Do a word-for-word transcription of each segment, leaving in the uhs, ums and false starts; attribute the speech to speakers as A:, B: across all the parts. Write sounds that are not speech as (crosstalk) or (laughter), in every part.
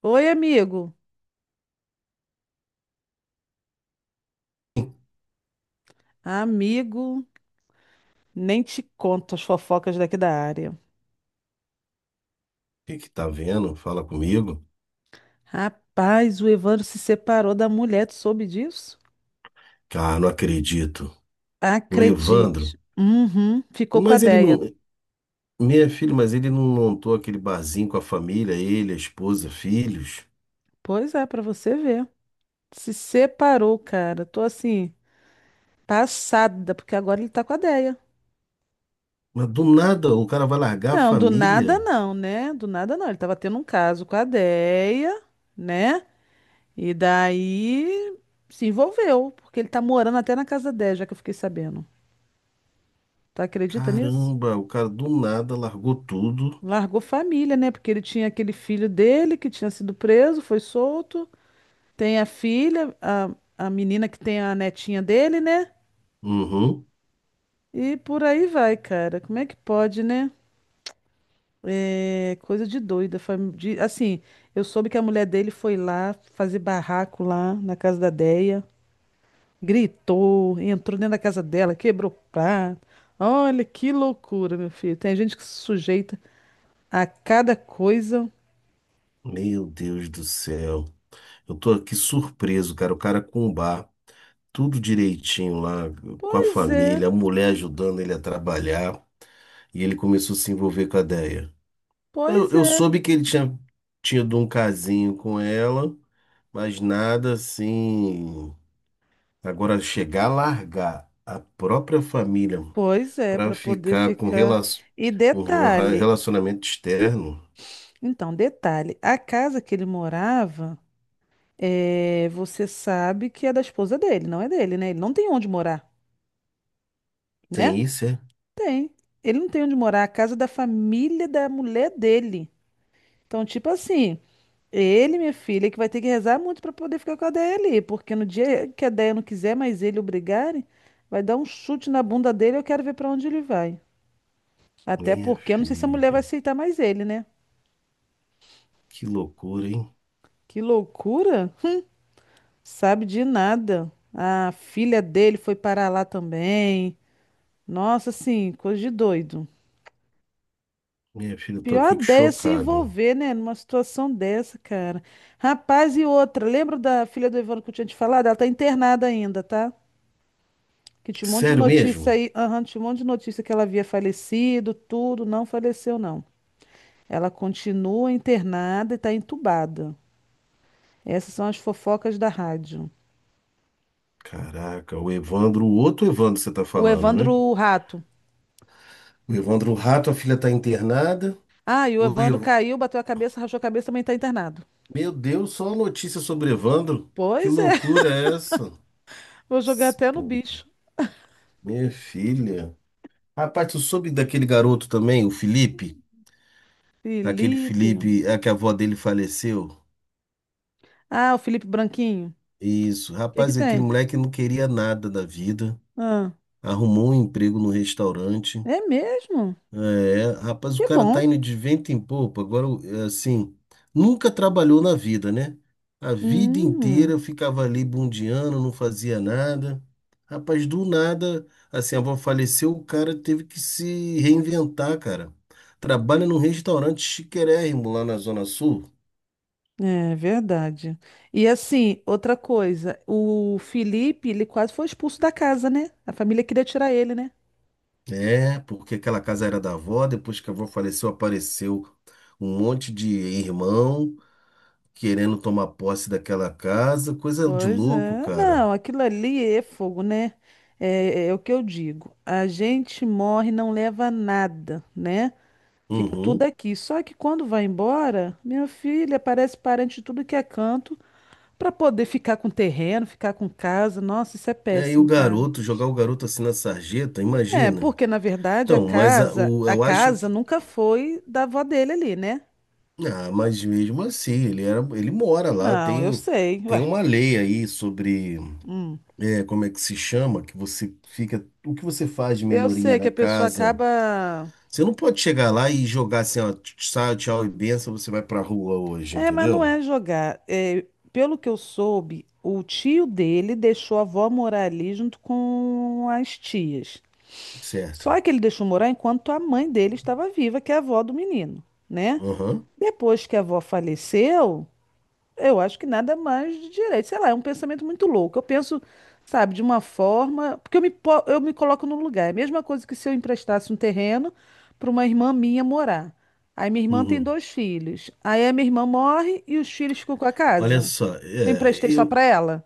A: Oi, amigo. Amigo, nem te conto as fofocas daqui da área.
B: Que que tá vendo? Fala comigo.
A: Rapaz, o Evandro se separou da mulher, tu soube disso?
B: Cara, não acredito. O Evandro.
A: Acredite. Uhum, ficou com a
B: Mas ele
A: Deia.
B: não. Minha filha, mas ele não montou aquele barzinho com a família, ele, a esposa, filhos.
A: Pois é, pra você ver. Se separou, cara. Tô assim, passada, porque agora ele tá com a Deia.
B: Mas do nada o cara vai largar a
A: Não, do nada
B: família.
A: não, né? Do nada não. Ele tava tendo um caso com a Deia, né? E daí se envolveu, porque ele tá morando até na casa da Deia, já que eu fiquei sabendo. Tu acredita nisso?
B: Caramba, o cara do nada largou tudo.
A: Largou família, né? Porque ele tinha aquele filho dele que tinha sido preso, foi solto. Tem a filha, a, a menina que tem a netinha dele, né?
B: Uhum.
A: E por aí vai, cara. Como é que pode, né? É coisa de doida. fam- de- Assim, eu soube que a mulher dele foi lá fazer barraco lá na casa da Deia. Gritou, entrou dentro da casa dela, quebrou prato. Olha que loucura, meu filho. Tem gente que se sujeita a cada coisa.
B: Meu Deus do céu. Eu tô aqui surpreso, cara. O cara com o bar, tudo direitinho lá, com a
A: Pois é.
B: família, a mulher ajudando ele a trabalhar. E ele começou a se envolver com a ideia. Eu,
A: Pois
B: eu
A: é,
B: soube que ele tinha tido um casinho com ela, mas nada assim. Agora, chegar a largar a própria família
A: pois é,
B: para
A: para poder
B: ficar com
A: ficar.
B: rela-
A: E
B: um
A: detalhe,
B: relacionamento externo,
A: então, detalhe, a casa que ele morava, é, você sabe que é da esposa dele, não é dele, né? Ele não tem onde morar, né?
B: tem isso, é?
A: Tem. Ele não tem onde morar, a casa é da família da mulher dele. Então, tipo assim, ele, minha filha, que vai ter que rezar muito para poder ficar com a Déia ali, porque no dia que a Déia não quiser mais ele obrigarem, vai dar um chute na bunda dele, eu quero ver para onde ele vai. Até
B: Minha
A: porque eu não sei se a mulher vai
B: filha,
A: aceitar mais ele, né?
B: que loucura, hein?
A: Que loucura! Sabe de nada. A filha dele foi parar lá também. Nossa, assim, coisa de doido.
B: Minha filha, eu tô
A: Pior
B: aqui
A: ideia é se
B: chocado.
A: envolver, né, numa situação dessa, cara. Rapaz, e outra, lembra da filha do Ivano que eu tinha te falado? Ela tá internada ainda, tá? Que tinha um monte de
B: Sério
A: notícia
B: mesmo?
A: aí, aham, tinha um monte de notícia que ela havia falecido, tudo, não faleceu, não. Ela continua internada e tá entubada. Essas são as fofocas da rádio.
B: Caraca, o Evandro, o outro Evandro você tá
A: O
B: falando, né?
A: Evandro Rato.
B: O Evandro Rato, a filha tá internada.
A: Ah, e o
B: O, E-
A: Evandro caiu, bateu a cabeça, rachou a cabeça, também tá internado.
B: Meu Deus, só notícia sobre Evandro? Que
A: Pois é,
B: loucura é essa?
A: (laughs) vou jogar
B: S-
A: até no
B: Pô,
A: bicho.
B: minha filha. Rapaz, tu soube daquele garoto também, o Felipe? Aquele
A: Felipe.
B: Felipe, é que a avó dele faleceu?
A: Ah, o Felipe Branquinho. O
B: Isso.
A: que que
B: Rapaz, aquele
A: tem?
B: moleque não queria nada da vida.
A: Ah,
B: Arrumou um emprego no restaurante.
A: é mesmo?
B: É, rapaz, o
A: Que
B: cara tá
A: bom.
B: indo de vento em popa. Agora, é assim, nunca trabalhou na vida, né? A vida inteira
A: Hum,
B: eu ficava ali bundiando, não fazia nada. Rapaz, do nada, assim, a avó faleceu, o cara teve que se reinventar, cara. Trabalha num restaurante chiquérrimo lá na Zona Sul.
A: é verdade. E assim, outra coisa, o Felipe, ele quase foi expulso da casa, né? A família queria tirar ele, né?
B: É, porque aquela casa era da avó, depois que a avó faleceu, apareceu um monte de irmão querendo tomar posse daquela casa, coisa de
A: Pois
B: louco,
A: é.
B: cara.
A: Não, aquilo ali é fogo, né? É, é é o que eu digo. A gente morre, e não leva nada, né? Fica tudo
B: Uhum.
A: aqui. Só que quando vai embora, minha filha parece parente de tudo que é canto para poder ficar com terreno, ficar com casa. Nossa, isso é
B: Aí o
A: péssimo, cara.
B: garoto, jogar o garoto assim na sarjeta,
A: É,
B: imagina.
A: porque na verdade a
B: Então, mas a-
A: casa,
B: o,
A: a
B: eu acho
A: casa
B: que.
A: nunca foi da avó dele ali, né?
B: Ah, mas mesmo assim, ele era, ele mora lá,
A: Não, eu
B: tem,
A: sei.
B: tem
A: Ué,
B: uma lei aí sobre
A: hum.
B: é, como é que se chama, que você fica. O que você faz de
A: eu
B: melhoria
A: sei que
B: na
A: a pessoa
B: casa?
A: acaba.
B: Você não pode chegar lá e jogar assim, ó, tchau, tchau e benção, você vai pra rua hoje,
A: É, mas não
B: entendeu?
A: é jogar. É, pelo que eu soube, o tio dele deixou a avó morar ali junto com as tias. Só
B: Certo.
A: que ele deixou morar enquanto a mãe dele estava viva, que é a avó do menino, né?
B: Aham.
A: Depois que a avó faleceu, eu acho que nada mais de direito. Sei lá, é um pensamento muito louco. Eu penso, sabe, de uma forma. Porque eu me, po- eu me coloco no lugar. É a mesma coisa que se eu emprestasse um terreno para uma irmã minha morar. Aí minha irmã tem
B: Uhum.
A: dois filhos. Aí a minha irmã morre e os filhos ficam com a
B: Olha
A: casa.
B: só,
A: Eu
B: é,
A: emprestei só
B: eu,
A: para ela.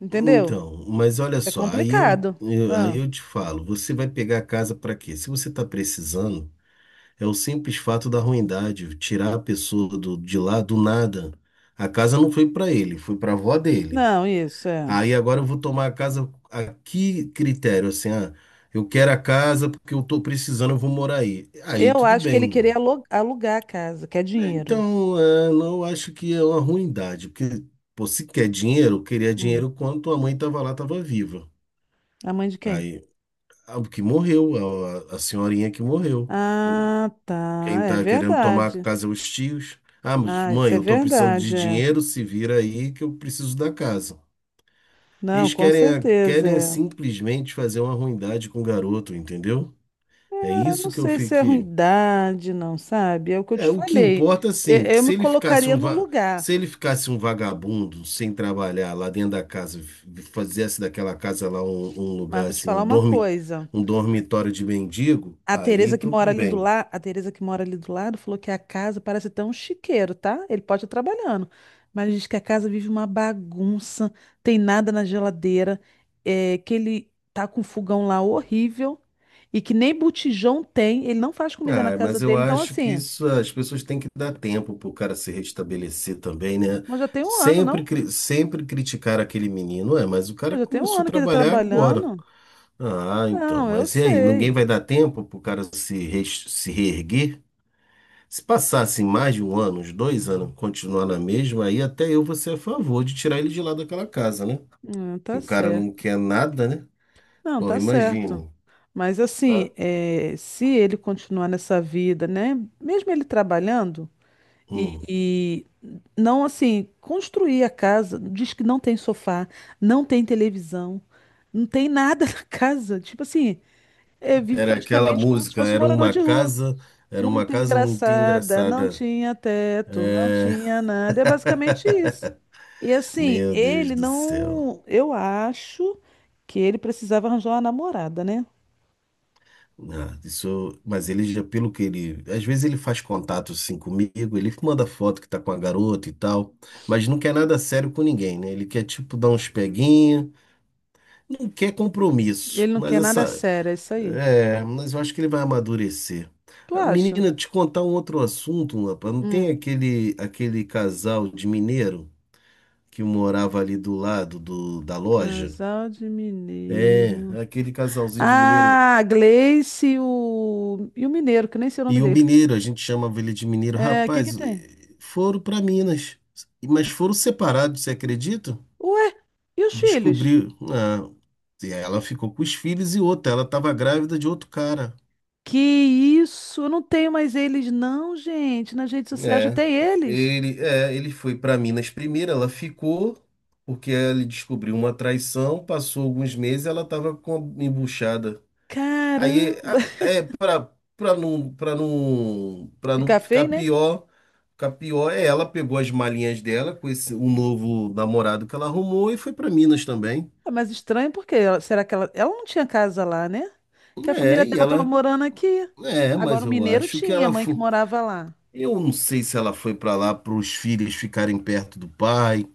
A: Entendeu?
B: então, mas olha
A: É
B: só, aí eu,
A: complicado.
B: eu- aí
A: Ah,
B: eu te falo, você vai pegar a casa para quê? Se você está precisando, é o simples fato da ruindade, tirar a pessoa do- de lá do nada. A casa não foi para ele, foi para a avó dele.
A: não, isso é.
B: Aí agora eu vou tomar a casa a que critério? Assim, ah, eu quero a casa porque eu estou precisando, eu vou morar aí. Aí
A: Eu
B: tudo
A: acho que ele
B: bem.
A: queria alu- alugar a casa, que é dinheiro.
B: Então, é, não acho que é uma ruindade, porque pô, se quer dinheiro, eu queria
A: Hum,
B: dinheiro quando tua mãe estava lá, estava viva.
A: A mãe de quem?
B: Aí, ah, o que morreu, a, a senhorinha que morreu.
A: Ah, tá.
B: Quem
A: É
B: tá querendo tomar a
A: verdade.
B: casa é os tios. Ah, mas
A: Ah, isso
B: mãe,
A: é
B: eu tô precisando de
A: verdade, é.
B: dinheiro, se vira aí que eu preciso da casa.
A: Não,
B: Eles
A: com
B: querem, a-
A: certeza,
B: querem
A: é.
B: simplesmente fazer uma ruindade com o garoto, entendeu? É
A: Ah, não
B: isso que eu
A: sei se é
B: fiquei.
A: ruindade, não, sabe? É o que eu te
B: É, o que
A: falei.
B: importa,
A: Eu,
B: assim, que
A: eu me
B: se ele ficasse
A: colocaria
B: um,
A: no
B: va-
A: lugar,
B: se ele ficasse um vagabundo sem trabalhar lá dentro da casa, f- fizesse daquela casa lá um, um
A: mas
B: lugar
A: vou te
B: assim,
A: falar
B: um
A: uma
B: dorme,
A: coisa.
B: um dormitório de mendigo,
A: A
B: aí
A: Tereza que mora
B: tudo
A: ali do
B: bem.
A: lado, a Tereza que mora ali do lado falou que a casa parece até um chiqueiro, tá? Ele pode estar trabalhando, mas diz que a casa vive uma bagunça, tem nada na geladeira, é, que ele tá com um fogão lá horrível e que nem botijão tem, ele não faz comida na
B: Ah,
A: casa
B: mas eu
A: dele, então
B: acho que
A: assim.
B: isso as pessoas têm que dar tempo para o cara se restabelecer também, né?
A: Mas já tem um ano, não?
B: Sempre, cri- sempre criticar aquele menino, é, mas o cara
A: Mas já tem um
B: começou a
A: ano que ele tá
B: trabalhar agora.
A: trabalhando.
B: Ah, então,
A: Não, eu
B: mas e aí? Ninguém
A: sei.
B: vai dar tempo para o cara se, res- se reerguer? Se passasse mais de um ano, uns dois anos, continuar na mesma, aí até eu vou ser a favor de tirar ele de lá daquela casa, né?
A: Não, tá
B: O cara
A: certo.
B: não quer nada, né?
A: Não,
B: Porra,
A: tá certo.
B: imagina.
A: Mas assim,
B: Cara,
A: é, se ele continuar nessa vida, né? Mesmo ele trabalhando e,
B: hum.
A: e não assim, construir a casa, diz que não tem sofá, não tem televisão, não tem nada (laughs) na casa. Tipo assim, é, vive
B: Era aquela
A: praticamente como se
B: música,
A: fosse um
B: era
A: morador
B: uma
A: de rua.
B: casa, era uma
A: Muito
B: casa muito
A: engraçada, não
B: engraçada.
A: tinha teto, não
B: É,
A: tinha nada. É basicamente isso. E assim,
B: meu Deus
A: ele
B: do céu.
A: não. Eu acho que ele precisava arranjar uma namorada, né?
B: Ah, isso, mas ele já, pelo que ele, às vezes ele faz contato assim comigo, ele manda foto que tá com a garota e tal, mas não quer nada sério com ninguém, né? Ele quer tipo dar uns peguinhos, não quer compromisso,
A: Ele não
B: mas
A: quer nada
B: essa,
A: sério, é isso aí.
B: é, mas eu acho que ele vai amadurecer.
A: Tu
B: Ah,
A: acha?
B: menina, te contar um outro assunto, rapaz, não tem
A: Hum.
B: aquele aquele casal de mineiro que morava ali do lado do, da loja.
A: Casal de
B: É,
A: mineiro.
B: aquele casalzinho de mineiro.
A: Ah, Gleice e o... e o mineiro, que nem sei o nome
B: E o
A: dele.
B: mineiro, a gente chamava ele de mineiro.
A: É, o que que
B: Rapaz,
A: tem?
B: eh, foram para Minas, mas foram separados, você acredita?
A: Ué, e os filhos?
B: Descobriu. Ah, e ela ficou com os filhos e outra. Ela estava grávida de outro cara.
A: Que isso? Eu não tenho mais eles, não, gente. Nas redes sociais eu
B: É,
A: tenho eles.
B: ele, é, ele foi para Minas primeiro, ela ficou, porque ele descobriu uma traição, passou alguns meses, ela estava com a embuchada. Aí
A: Caramba.
B: a- é para para não para não
A: (laughs)
B: para não
A: Fica
B: ficar
A: feio, né?
B: pior, ficar pior é ela pegou as malinhas dela com esse o novo namorado que ela arrumou e foi para Minas também.
A: Ah, mas estranho porque ela- será que ela, ela não tinha casa lá, né? Que a
B: É,
A: família
B: e
A: dela estava
B: ela
A: morando aqui.
B: é,
A: Agora
B: mas
A: o
B: eu
A: mineiro
B: acho que
A: tinha, a
B: ela
A: mãe que
B: foi.
A: morava lá.
B: Eu não sei se ela foi para lá para os filhos ficarem perto do pai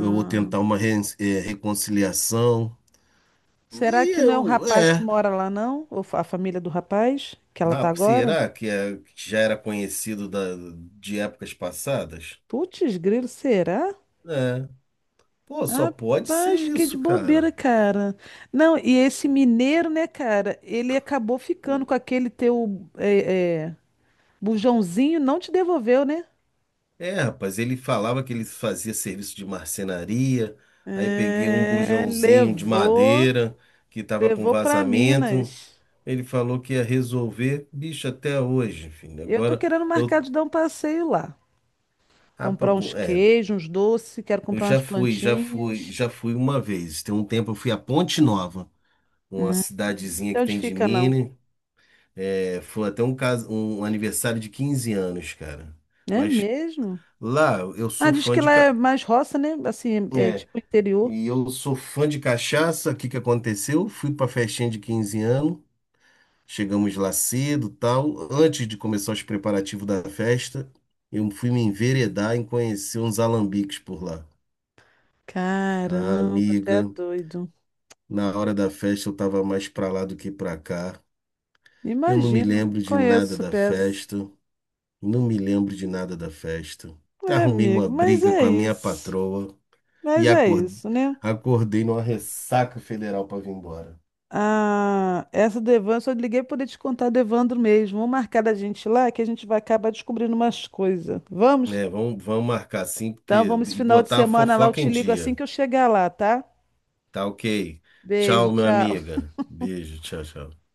B: ou tentar uma ren- é, reconciliação.
A: será
B: E
A: que não é o
B: eu,
A: rapaz que
B: é.
A: mora lá, não? Ou fa- a família do rapaz que ela tá
B: Ah,
A: agora?
B: será que, é, que já era conhecido da, de épocas passadas?
A: Putz, grilo, será?
B: É. Pô, só pode ser
A: Rapaz, fiquei de
B: isso, cara.
A: bobeira, cara. Não, e esse mineiro, né, cara? Ele acabou ficando com aquele teu é, é, bujãozinho, não te devolveu, né?
B: É, rapaz, ele falava que ele fazia serviço de marcenaria, aí peguei um
A: É,
B: bujãozinho de
A: levou.
B: madeira que tava com
A: Levou para
B: vazamento.
A: Minas.
B: Ele falou que ia resolver, bicho, até hoje, filho.
A: Eu tô
B: Agora
A: querendo marcar
B: eu,
A: de dar um passeio lá. Comprar
B: rapaz,
A: uns
B: bom, é,
A: queijos, uns doces, quero
B: eu
A: comprar
B: já
A: umas
B: fui, já fui,
A: plantinhas.
B: já fui uma vez. Tem um tempo eu fui a Ponte Nova, uma
A: Hum.
B: cidadezinha
A: Sei
B: que
A: onde
B: tem de
A: fica, não.
B: Minas. É, foi até um caso, um aniversário de quinze anos, cara.
A: É
B: Mas
A: mesmo?
B: lá eu
A: Ah,
B: sou
A: diz
B: fã
A: que
B: de.
A: lá é mais roça, né? Assim, é é
B: É,
A: tipo interior.
B: e eu sou fã de cachaça. O que que aconteceu? Fui pra festinha de quinze anos, chegamos lá cedo, tal. Antes de começar os preparativos da festa, eu fui me enveredar em conhecer uns alambiques por lá. Ah,
A: Caramba, até
B: amiga,
A: doido.
B: na hora da festa eu tava mais pra lá do que pra cá. Eu não me
A: Imagino.
B: lembro de
A: Conheço
B: nada
A: essa
B: da
A: peça.
B: festa, não me lembro de nada da festa.
A: É,
B: Arrumei uma
A: amigo, mas
B: briga
A: é
B: com a minha
A: isso.
B: patroa
A: Mas
B: e
A: é
B: acor-
A: isso, né?
B: acordei numa ressaca federal pra vir embora.
A: Ah, essa do Evandro, só liguei para poder te contar do Evandro mesmo. Vamos marcar da gente lá que a gente vai acabar descobrindo umas coisas. Vamos?
B: É, vamos, vamos marcar sim,
A: Então
B: porque
A: vamos esse
B: e
A: final de
B: botar a
A: semana lá, eu
B: fofoca
A: te
B: em
A: ligo assim
B: dia.
A: que eu chegar lá, tá?
B: Tá ok.
A: Beijo,
B: Tchau, minha
A: tchau.
B: amiga. Beijo, tchau, tchau.